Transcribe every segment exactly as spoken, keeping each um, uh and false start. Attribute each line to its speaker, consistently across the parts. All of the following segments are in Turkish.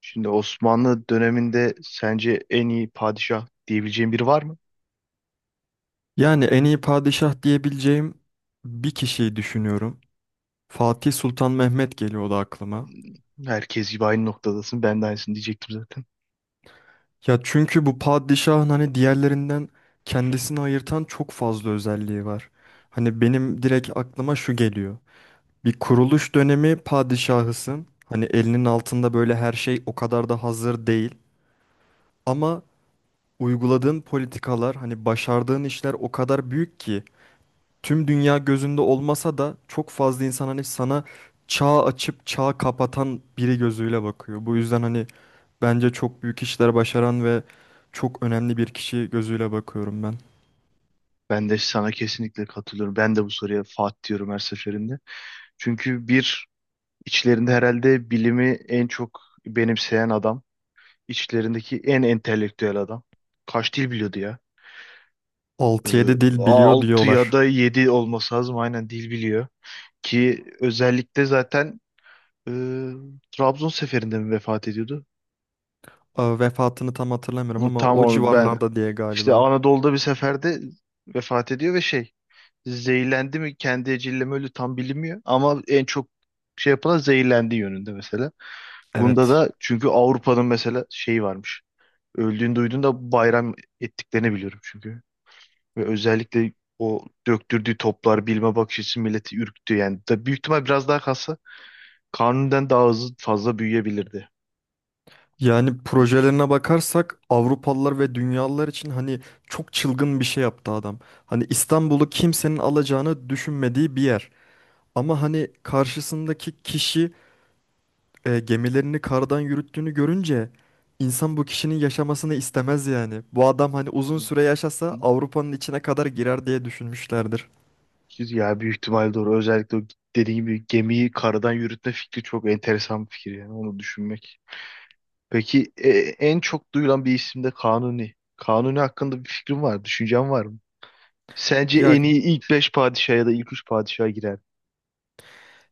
Speaker 1: Şimdi Osmanlı döneminde sence en iyi padişah diyebileceğin biri var mı?
Speaker 2: Yani en iyi padişah diyebileceğim bir kişiyi düşünüyorum. Fatih Sultan Mehmet geliyordu aklıma.
Speaker 1: Herkes gibi aynı noktadasın. Ben de aynısını diyecektim zaten.
Speaker 2: Ya çünkü bu padişahın hani diğerlerinden kendisini ayırtan çok fazla özelliği var. Hani benim direkt aklıma şu geliyor. Bir kuruluş dönemi padişahısın. Hani elinin altında böyle her şey o kadar da hazır değil. Ama uyguladığın politikalar, hani başardığın işler o kadar büyük ki tüm dünya gözünde olmasa da çok fazla insan hani sana çağ açıp çağ kapatan biri gözüyle bakıyor. Bu yüzden hani bence çok büyük işler başaran ve çok önemli bir kişi gözüyle bakıyorum ben.
Speaker 1: Ben de sana kesinlikle katılıyorum. Ben de bu soruya Fatih diyorum her seferinde. Çünkü bir içlerinde herhalde bilimi en çok benimseyen adam. İçlerindeki en entelektüel adam. Kaç dil biliyordu ya? Ee,
Speaker 2: Altı yedi dil biliyor
Speaker 1: altı ya
Speaker 2: diyorlar.
Speaker 1: da yedi olması lazım. Aynen dil biliyor. Ki özellikle zaten e, Trabzon seferinde mi vefat ediyordu?
Speaker 2: Aa, vefatını tam hatırlamıyorum ama
Speaker 1: Tam
Speaker 2: o
Speaker 1: onu ben
Speaker 2: civarlarda diye
Speaker 1: işte
Speaker 2: galiba.
Speaker 1: Anadolu'da bir seferde vefat ediyor ve şey zehirlendi mi kendi eceliyle mi öldü tam bilinmiyor ama en çok şey yapılan zehirlendiği yönünde mesela. Bunda
Speaker 2: Evet.
Speaker 1: da çünkü Avrupa'nın mesela şeyi varmış. Öldüğünü duyduğunda bayram ettiklerini biliyorum çünkü. Ve özellikle o döktürdüğü toplar bilme bakış açısı milleti ürktü yani. Da büyük ihtimal biraz daha kalsa Kanuni'den daha hızlı fazla büyüyebilirdi.
Speaker 2: Yani
Speaker 1: Tamam.
Speaker 2: projelerine bakarsak Avrupalılar ve dünyalılar için hani çok çılgın bir şey yaptı adam. Hani İstanbul'u kimsenin alacağını düşünmediği bir yer. Ama hani karşısındaki kişi e, gemilerini kardan yürüttüğünü görünce insan bu kişinin yaşamasını istemez yani. Bu adam hani uzun süre
Speaker 1: Hı.
Speaker 2: yaşasa Avrupa'nın içine kadar girer diye düşünmüşlerdir.
Speaker 1: Ya büyük ihtimal doğru. Özellikle o dediğim gibi gemiyi karadan yürütme fikri çok enteresan bir fikir yani onu düşünmek. Peki e, en çok duyulan bir isim de Kanuni. Kanuni hakkında bir fikrin var, düşüncen var mı? Sence
Speaker 2: Ya
Speaker 1: en iyi ilk beş padişah ya da ilk üç padişaha girer mi?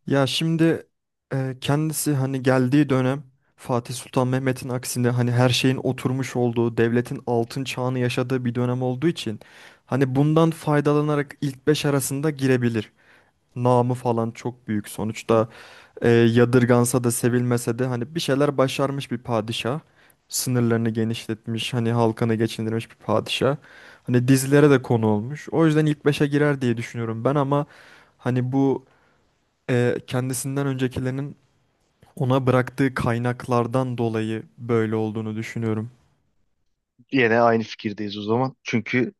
Speaker 2: ya şimdi e, kendisi hani geldiği dönem Fatih Sultan Mehmet'in aksine hani her şeyin oturmuş olduğu, devletin altın çağını yaşadığı bir dönem olduğu için hani bundan faydalanarak ilk beş arasında girebilir. Namı falan çok büyük. Sonuçta e, yadırgansa da sevilmese de hani bir şeyler başarmış bir padişah. Sınırlarını genişletmiş, hani halkını geçindirmiş bir padişah. Hani dizilere de konu olmuş. O yüzden ilk beşe girer diye düşünüyorum ben ama hani bu e, kendisinden öncekilerin ona bıraktığı kaynaklardan dolayı böyle olduğunu düşünüyorum.
Speaker 1: Yine aynı fikirdeyiz o zaman. Çünkü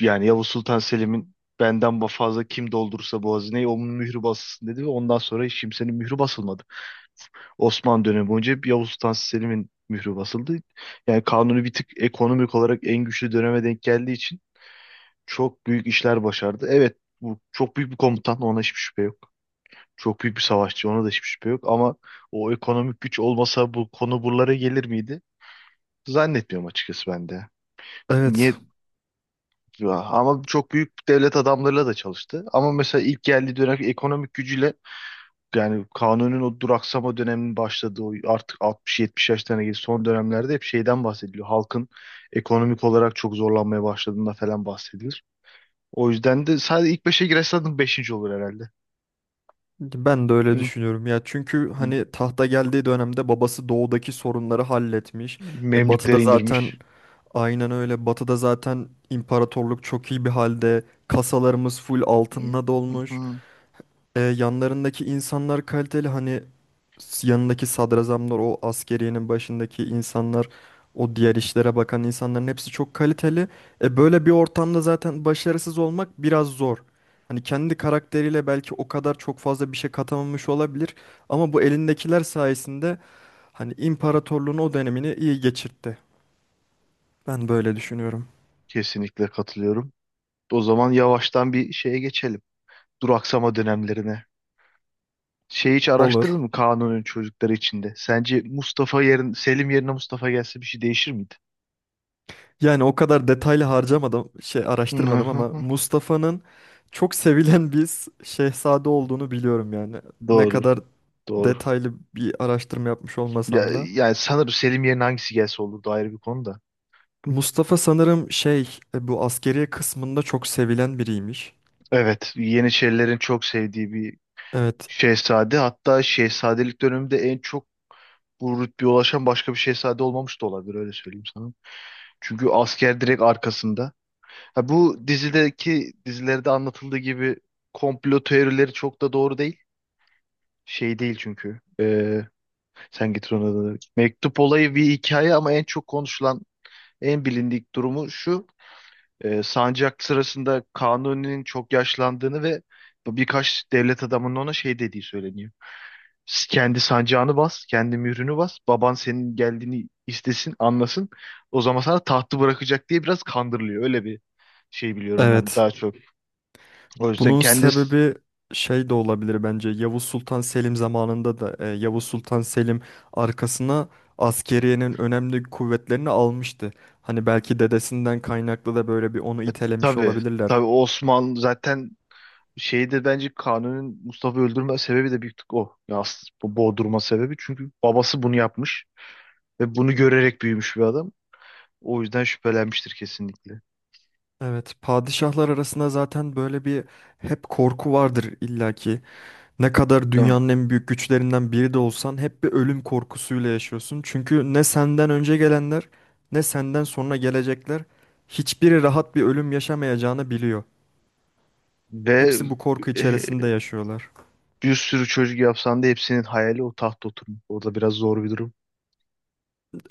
Speaker 1: yani Yavuz Sultan Selim'in benden ba- fazla kim doldurursa bu hazineyi onun mührü basılsın dedi ve ondan sonra hiç kimsenin mührü basılmadı. Osmanlı dönemi boyunca hep Yavuz Sultan Selim'in mührü basıldı. Yani Kanuni bir tık ekonomik olarak en güçlü döneme denk geldiği için çok büyük işler başardı. Evet bu çok büyük bir komutan, ona hiçbir şüphe yok. Çok büyük bir savaşçı, ona da hiçbir şüphe yok ama o ekonomik güç olmasa bu konu buralara gelir miydi? Zannetmiyorum açıkçası ben de. Niye?
Speaker 2: Evet.
Speaker 1: Ama çok büyük devlet adamlarıyla da çalıştı. Ama mesela ilk geldiği dönem ekonomik gücüyle yani Kanun'un o duraksama döneminin başladığı o artık altmış yetmiş yaşlarına geldiği son dönemlerde hep şeyden bahsediliyor. Halkın ekonomik olarak çok zorlanmaya başladığında falan bahsedilir. O yüzden de sadece ilk beşe girerse zaten beşinci olur herhalde.
Speaker 2: Ben de öyle
Speaker 1: Hı,
Speaker 2: düşünüyorum ya çünkü
Speaker 1: hı.
Speaker 2: hani tahta geldiği dönemde babası doğudaki sorunları halletmiş. E, batıda
Speaker 1: Memlükleri
Speaker 2: zaten
Speaker 1: indirmiş.
Speaker 2: aynen öyle. Batı'da zaten imparatorluk çok iyi bir halde. Kasalarımız full
Speaker 1: Hı,
Speaker 2: altınla
Speaker 1: hı,
Speaker 2: dolmuş.
Speaker 1: hı.
Speaker 2: Ee, yanlarındaki insanlar kaliteli. Hani s- yanındaki sadrazamlar, o askeriyenin başındaki insanlar, o diğer işlere bakan insanların hepsi çok kaliteli. E böyle bir ortamda zaten başarısız olmak biraz zor. Hani kendi karakteriyle belki o kadar çok fazla bir şey katamamış olabilir. Ama bu elindekiler sayesinde hani imparatorluğun o dönemini iyi geçirtti. Ben böyle düşünüyorum.
Speaker 1: Kesinlikle katılıyorum. O zaman yavaştan bir şeye geçelim. Duraksama dönemlerine. Şey hiç
Speaker 2: Olur.
Speaker 1: araştırdın mı Kanun'un çocukları içinde? Sence Mustafa yerin Selim yerine Mustafa gelse bir şey değişir miydi?
Speaker 2: Yani o kadar detaylı harcamadım, şey
Speaker 1: Hı
Speaker 2: araştırmadım
Speaker 1: hı
Speaker 2: ama
Speaker 1: hı.
Speaker 2: Mustafa'nın çok sevilen bir s- şehzade olduğunu biliyorum yani. Ne
Speaker 1: Doğru.
Speaker 2: kadar
Speaker 1: Doğru.
Speaker 2: detaylı bir araştırma yapmış
Speaker 1: Ya,
Speaker 2: olmasam da.
Speaker 1: yani sanırım Selim yerine hangisi gelse olurdu ayrı bir konu da.
Speaker 2: Mustafa sanırım şey e, bu askeriye kısmında çok sevilen biriymiş.
Speaker 1: Evet, Yeniçerilerin çok sevdiği bir
Speaker 2: Evet,
Speaker 1: şehzade. Hatta şehzadelik döneminde en çok bu rütbeye ulaşan başka bir şehzade olmamış da olabilir, öyle söyleyeyim sana. Çünkü asker direkt arkasında. Ha, bu dizideki dizilerde anlatıldığı gibi komplo teorileri çok da doğru değil. Şey değil çünkü. Ee, sen getir onu da. Mektup olayı bir hikaye ama en çok konuşulan, en bilindik durumu şu. E, sancak sırasında Kanuni'nin çok yaşlandığını ve birkaç devlet adamının ona şey dediği söyleniyor. "S- Kendi sancağını bas, kendi mührünü bas. Baban senin geldiğini istesin, anlasın. O zaman sana tahtı bırakacak" diye biraz kandırılıyor. Öyle bir şey biliyorum ben
Speaker 2: evet.
Speaker 1: daha çok. O yüzden
Speaker 2: Bunun
Speaker 1: kendi e,
Speaker 2: sebebi şey de olabilir bence. Yavuz Sultan Selim zamanında da e, Yavuz Sultan Selim arkasına askeriyenin önemli kuvvetlerini almıştı. Hani belki dedesinden kaynaklı da böyle bir onu itelemiş
Speaker 1: tabii
Speaker 2: olabilirler.
Speaker 1: tabii Osmanlı zaten şeydir, bence Kanuni'nin Mustafa'yı öldürme sebebi de büyük tık o. Ya aslında bu boğdurma sebebi çünkü babası bunu yapmış ve bunu görerek büyümüş bir adam. O yüzden şüphelenmiştir kesinlikle.
Speaker 2: Evet, padişahlar arasında zaten böyle bir hep korku vardır illaki. Ne kadar
Speaker 1: Değil mi?
Speaker 2: dünyanın en büyük güçlerinden biri de olsan hep bir ölüm korkusuyla yaşıyorsun. Çünkü ne senden önce gelenler ne senden sonra gelecekler hiçbiri rahat bir ölüm yaşamayacağını biliyor.
Speaker 1: Ve
Speaker 2: Hepsi bu korku
Speaker 1: e,
Speaker 2: içerisinde yaşıyorlar.
Speaker 1: bir sürü çocuk yapsan da hepsinin hayali o tahta oturmak. Orada biraz zor bir durum.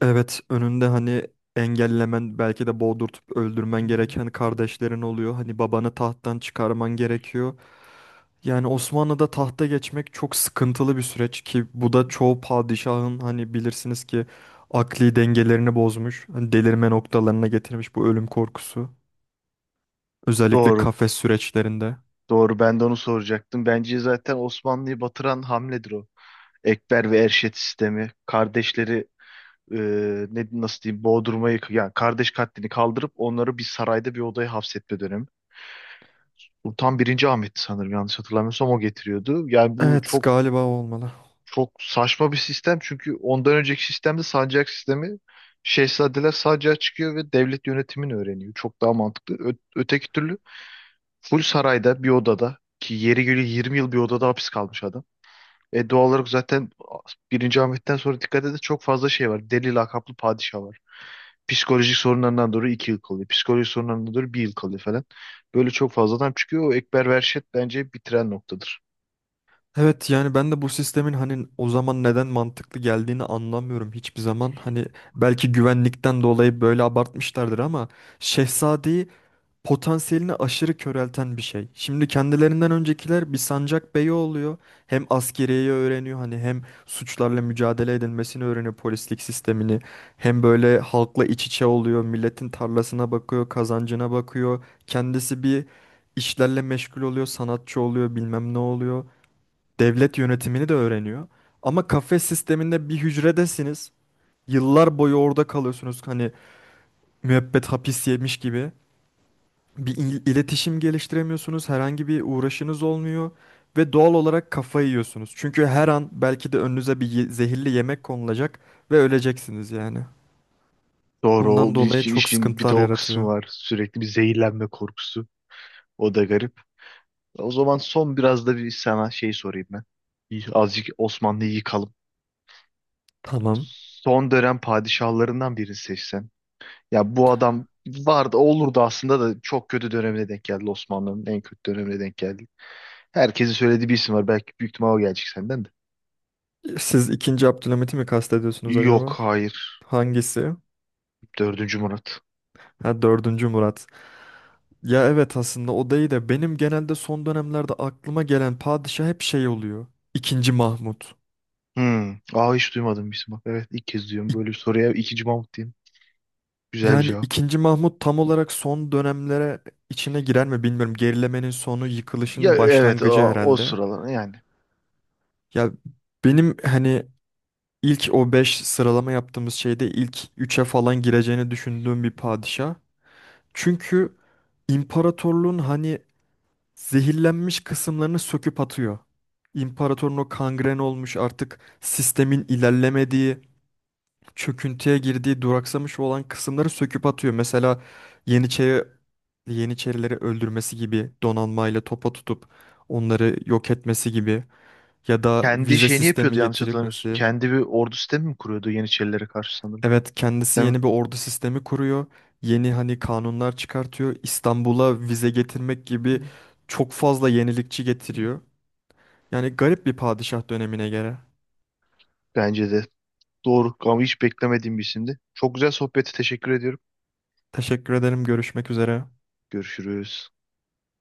Speaker 2: Evet, önünde hani engellemen belki de boğdurtup öldürmen
Speaker 1: Hmm.
Speaker 2: gereken kardeşlerin oluyor. Hani babanı tahttan çıkarman gerekiyor. Yani Osmanlı'da tahta geçmek çok sıkıntılı bir süreç ki bu da çoğu padişahın hani bilirsiniz ki akli dengelerini bozmuş. Hani delirme noktalarına getirmiş bu ölüm korkusu. Özellikle
Speaker 1: Doğru.
Speaker 2: kafes süreçlerinde.
Speaker 1: Doğru. Ben de onu soracaktım. Bence zaten Osmanlı'yı batıran hamledir o. Ekber ve Erşet sistemi. Kardeşleri e, ne nasıl diyeyim, boğdurmayı yani kardeş katlini kaldırıp onları bir sarayda bir odaya hapsetme dönemi. Bu tam birinci Ahmet'ti sanırım, yanlış hatırlamıyorsam o getiriyordu. Yani bu
Speaker 2: Evet,
Speaker 1: çok
Speaker 2: galiba o olmalı.
Speaker 1: çok saçma bir sistem çünkü ondan önceki sistemde sancak sistemi, şehzadeler sancağa çıkıyor ve devlet yönetimini öğreniyor. Çok daha mantıklı. Ö- öteki türlü full sarayda bir odada, ki yeri geliyor yirmi yıl bir odada hapis kalmış adam. E doğal olarak zaten birinci Ahmet'ten sonra dikkat edin çok fazla şey var. Deli lakaplı padişah var. Psikolojik sorunlarından dolayı iki yıl kalıyor. Psikolojik sorunlarından dolayı bir yıl kalıyor falan. Böyle çok fazla adam çıkıyor. O Ekber Verşet bence bitiren noktadır.
Speaker 2: Evet yani ben de bu sistemin hani o zaman neden mantıklı geldiğini anlamıyorum hiçbir zaman. Hani belki güvenlikten dolayı böyle abartmışlardır ama Şehzade'yi potansiyelini aşırı körelten bir şey. Şimdi kendilerinden öncekiler bir sancak beyi oluyor. Hem askeriyeyi öğreniyor hani hem suçlarla mücadele edilmesini öğreniyor polislik sistemini. Hem böyle halkla iç içe oluyor. Milletin tarlasına bakıyor, kazancına bakıyor. Kendisi bir işlerle meşgul oluyor, sanatçı oluyor, bilmem ne oluyor devlet yönetimini de öğreniyor. Ama kafes sisteminde bir hücredesiniz. Yıllar boyu orada kalıyorsunuz. Hani müebbet hapis yemiş gibi. Bir il- iletişim geliştiremiyorsunuz. Herhangi bir uğraşınız olmuyor. Ve doğal olarak kafayı yiyorsunuz. Çünkü her an belki de önünüze bir ye- zehirli yemek konulacak ve öleceksiniz yani.
Speaker 1: Doğru
Speaker 2: Bundan
Speaker 1: o bir
Speaker 2: dolayı
Speaker 1: işin,
Speaker 2: çok
Speaker 1: işin bir de
Speaker 2: sıkıntılar
Speaker 1: o kısmı
Speaker 2: yaratıyor.
Speaker 1: var. Sürekli bir zehirlenme korkusu. O da garip. O zaman son biraz da bir sana şey sorayım ben. Bir- Azıcık Osmanlı'yı yıkalım.
Speaker 2: Tamam.
Speaker 1: Son dönem padişahlarından birini seçsen. Ya bu adam vardı, olurdu aslında da çok kötü dönemine denk geldi, Osmanlı'nın en kötü dönemine denk geldi. Herkesin söylediği bir isim var. Belki büyük ihtimal o gelecek senden de.
Speaker 2: Siz ikinci Abdülhamit'i mi kastediyorsunuz acaba?
Speaker 1: Yok, hayır.
Speaker 2: Hangisi?
Speaker 1: Dördüncü Murat.
Speaker 2: Ha, dördüncü Murat. Ya evet aslında o değil de benim genelde son dönemlerde aklıma gelen padişah hep şey oluyor. İkinci Mahmut.
Speaker 1: Hmm. Aa, hiç duymadım bir isim bak. Evet, ilk kez duyuyorum.
Speaker 2: İk-
Speaker 1: Böyle bir soruya ikinci Mahmut diyeyim. Güzel bir
Speaker 2: Yani
Speaker 1: cevap.
Speaker 2: ikinci Mahmut tam olarak son dönemlere içine girer mi bilmiyorum. Gerilemenin sonu,
Speaker 1: Ya
Speaker 2: yıkılışın
Speaker 1: evet,
Speaker 2: başlangıcı
Speaker 1: o, o
Speaker 2: herhalde.
Speaker 1: sıralar yani.
Speaker 2: Ya benim hani ilk o beş sıralama yaptığımız şeyde ilk üçe falan gireceğini düşündüğüm bir padişah. Çünkü imparatorluğun hani zehirlenmiş kısımlarını söküp atıyor. İmparatorun o kangren olmuş artık sistemin ilerlemediği, çöküntüye girdiği, duraksamış olan kısımları söküp atıyor. Mesela Yeniçeri, Yeniçerileri öldürmesi gibi donanmayla topa tutup onları yok etmesi gibi ya da
Speaker 1: Kendi
Speaker 2: vize
Speaker 1: şeyini
Speaker 2: sistemi
Speaker 1: yapıyordu, yanlış hatırlamıyorsun.
Speaker 2: getirmesi.
Speaker 1: Kendi bir ordu sistemi mi kuruyordu Yeniçerilere karşı sanırım.
Speaker 2: Evet, kendisi
Speaker 1: Değil mi?
Speaker 2: yeni bir ordu sistemi kuruyor. Yeni hani kanunlar çıkartıyor. İstanbul'a vize getirmek
Speaker 1: Hı
Speaker 2: gibi çok fazla yenilikçi
Speaker 1: hı.
Speaker 2: getiriyor. Yani garip bir padişah dönemine göre.
Speaker 1: Bence de. Doğru, ama hiç beklemediğim bir isimdi. Çok güzel sohbeti teşekkür ediyorum.
Speaker 2: Teşekkür ederim. Görüşmek üzere.
Speaker 1: Görüşürüz.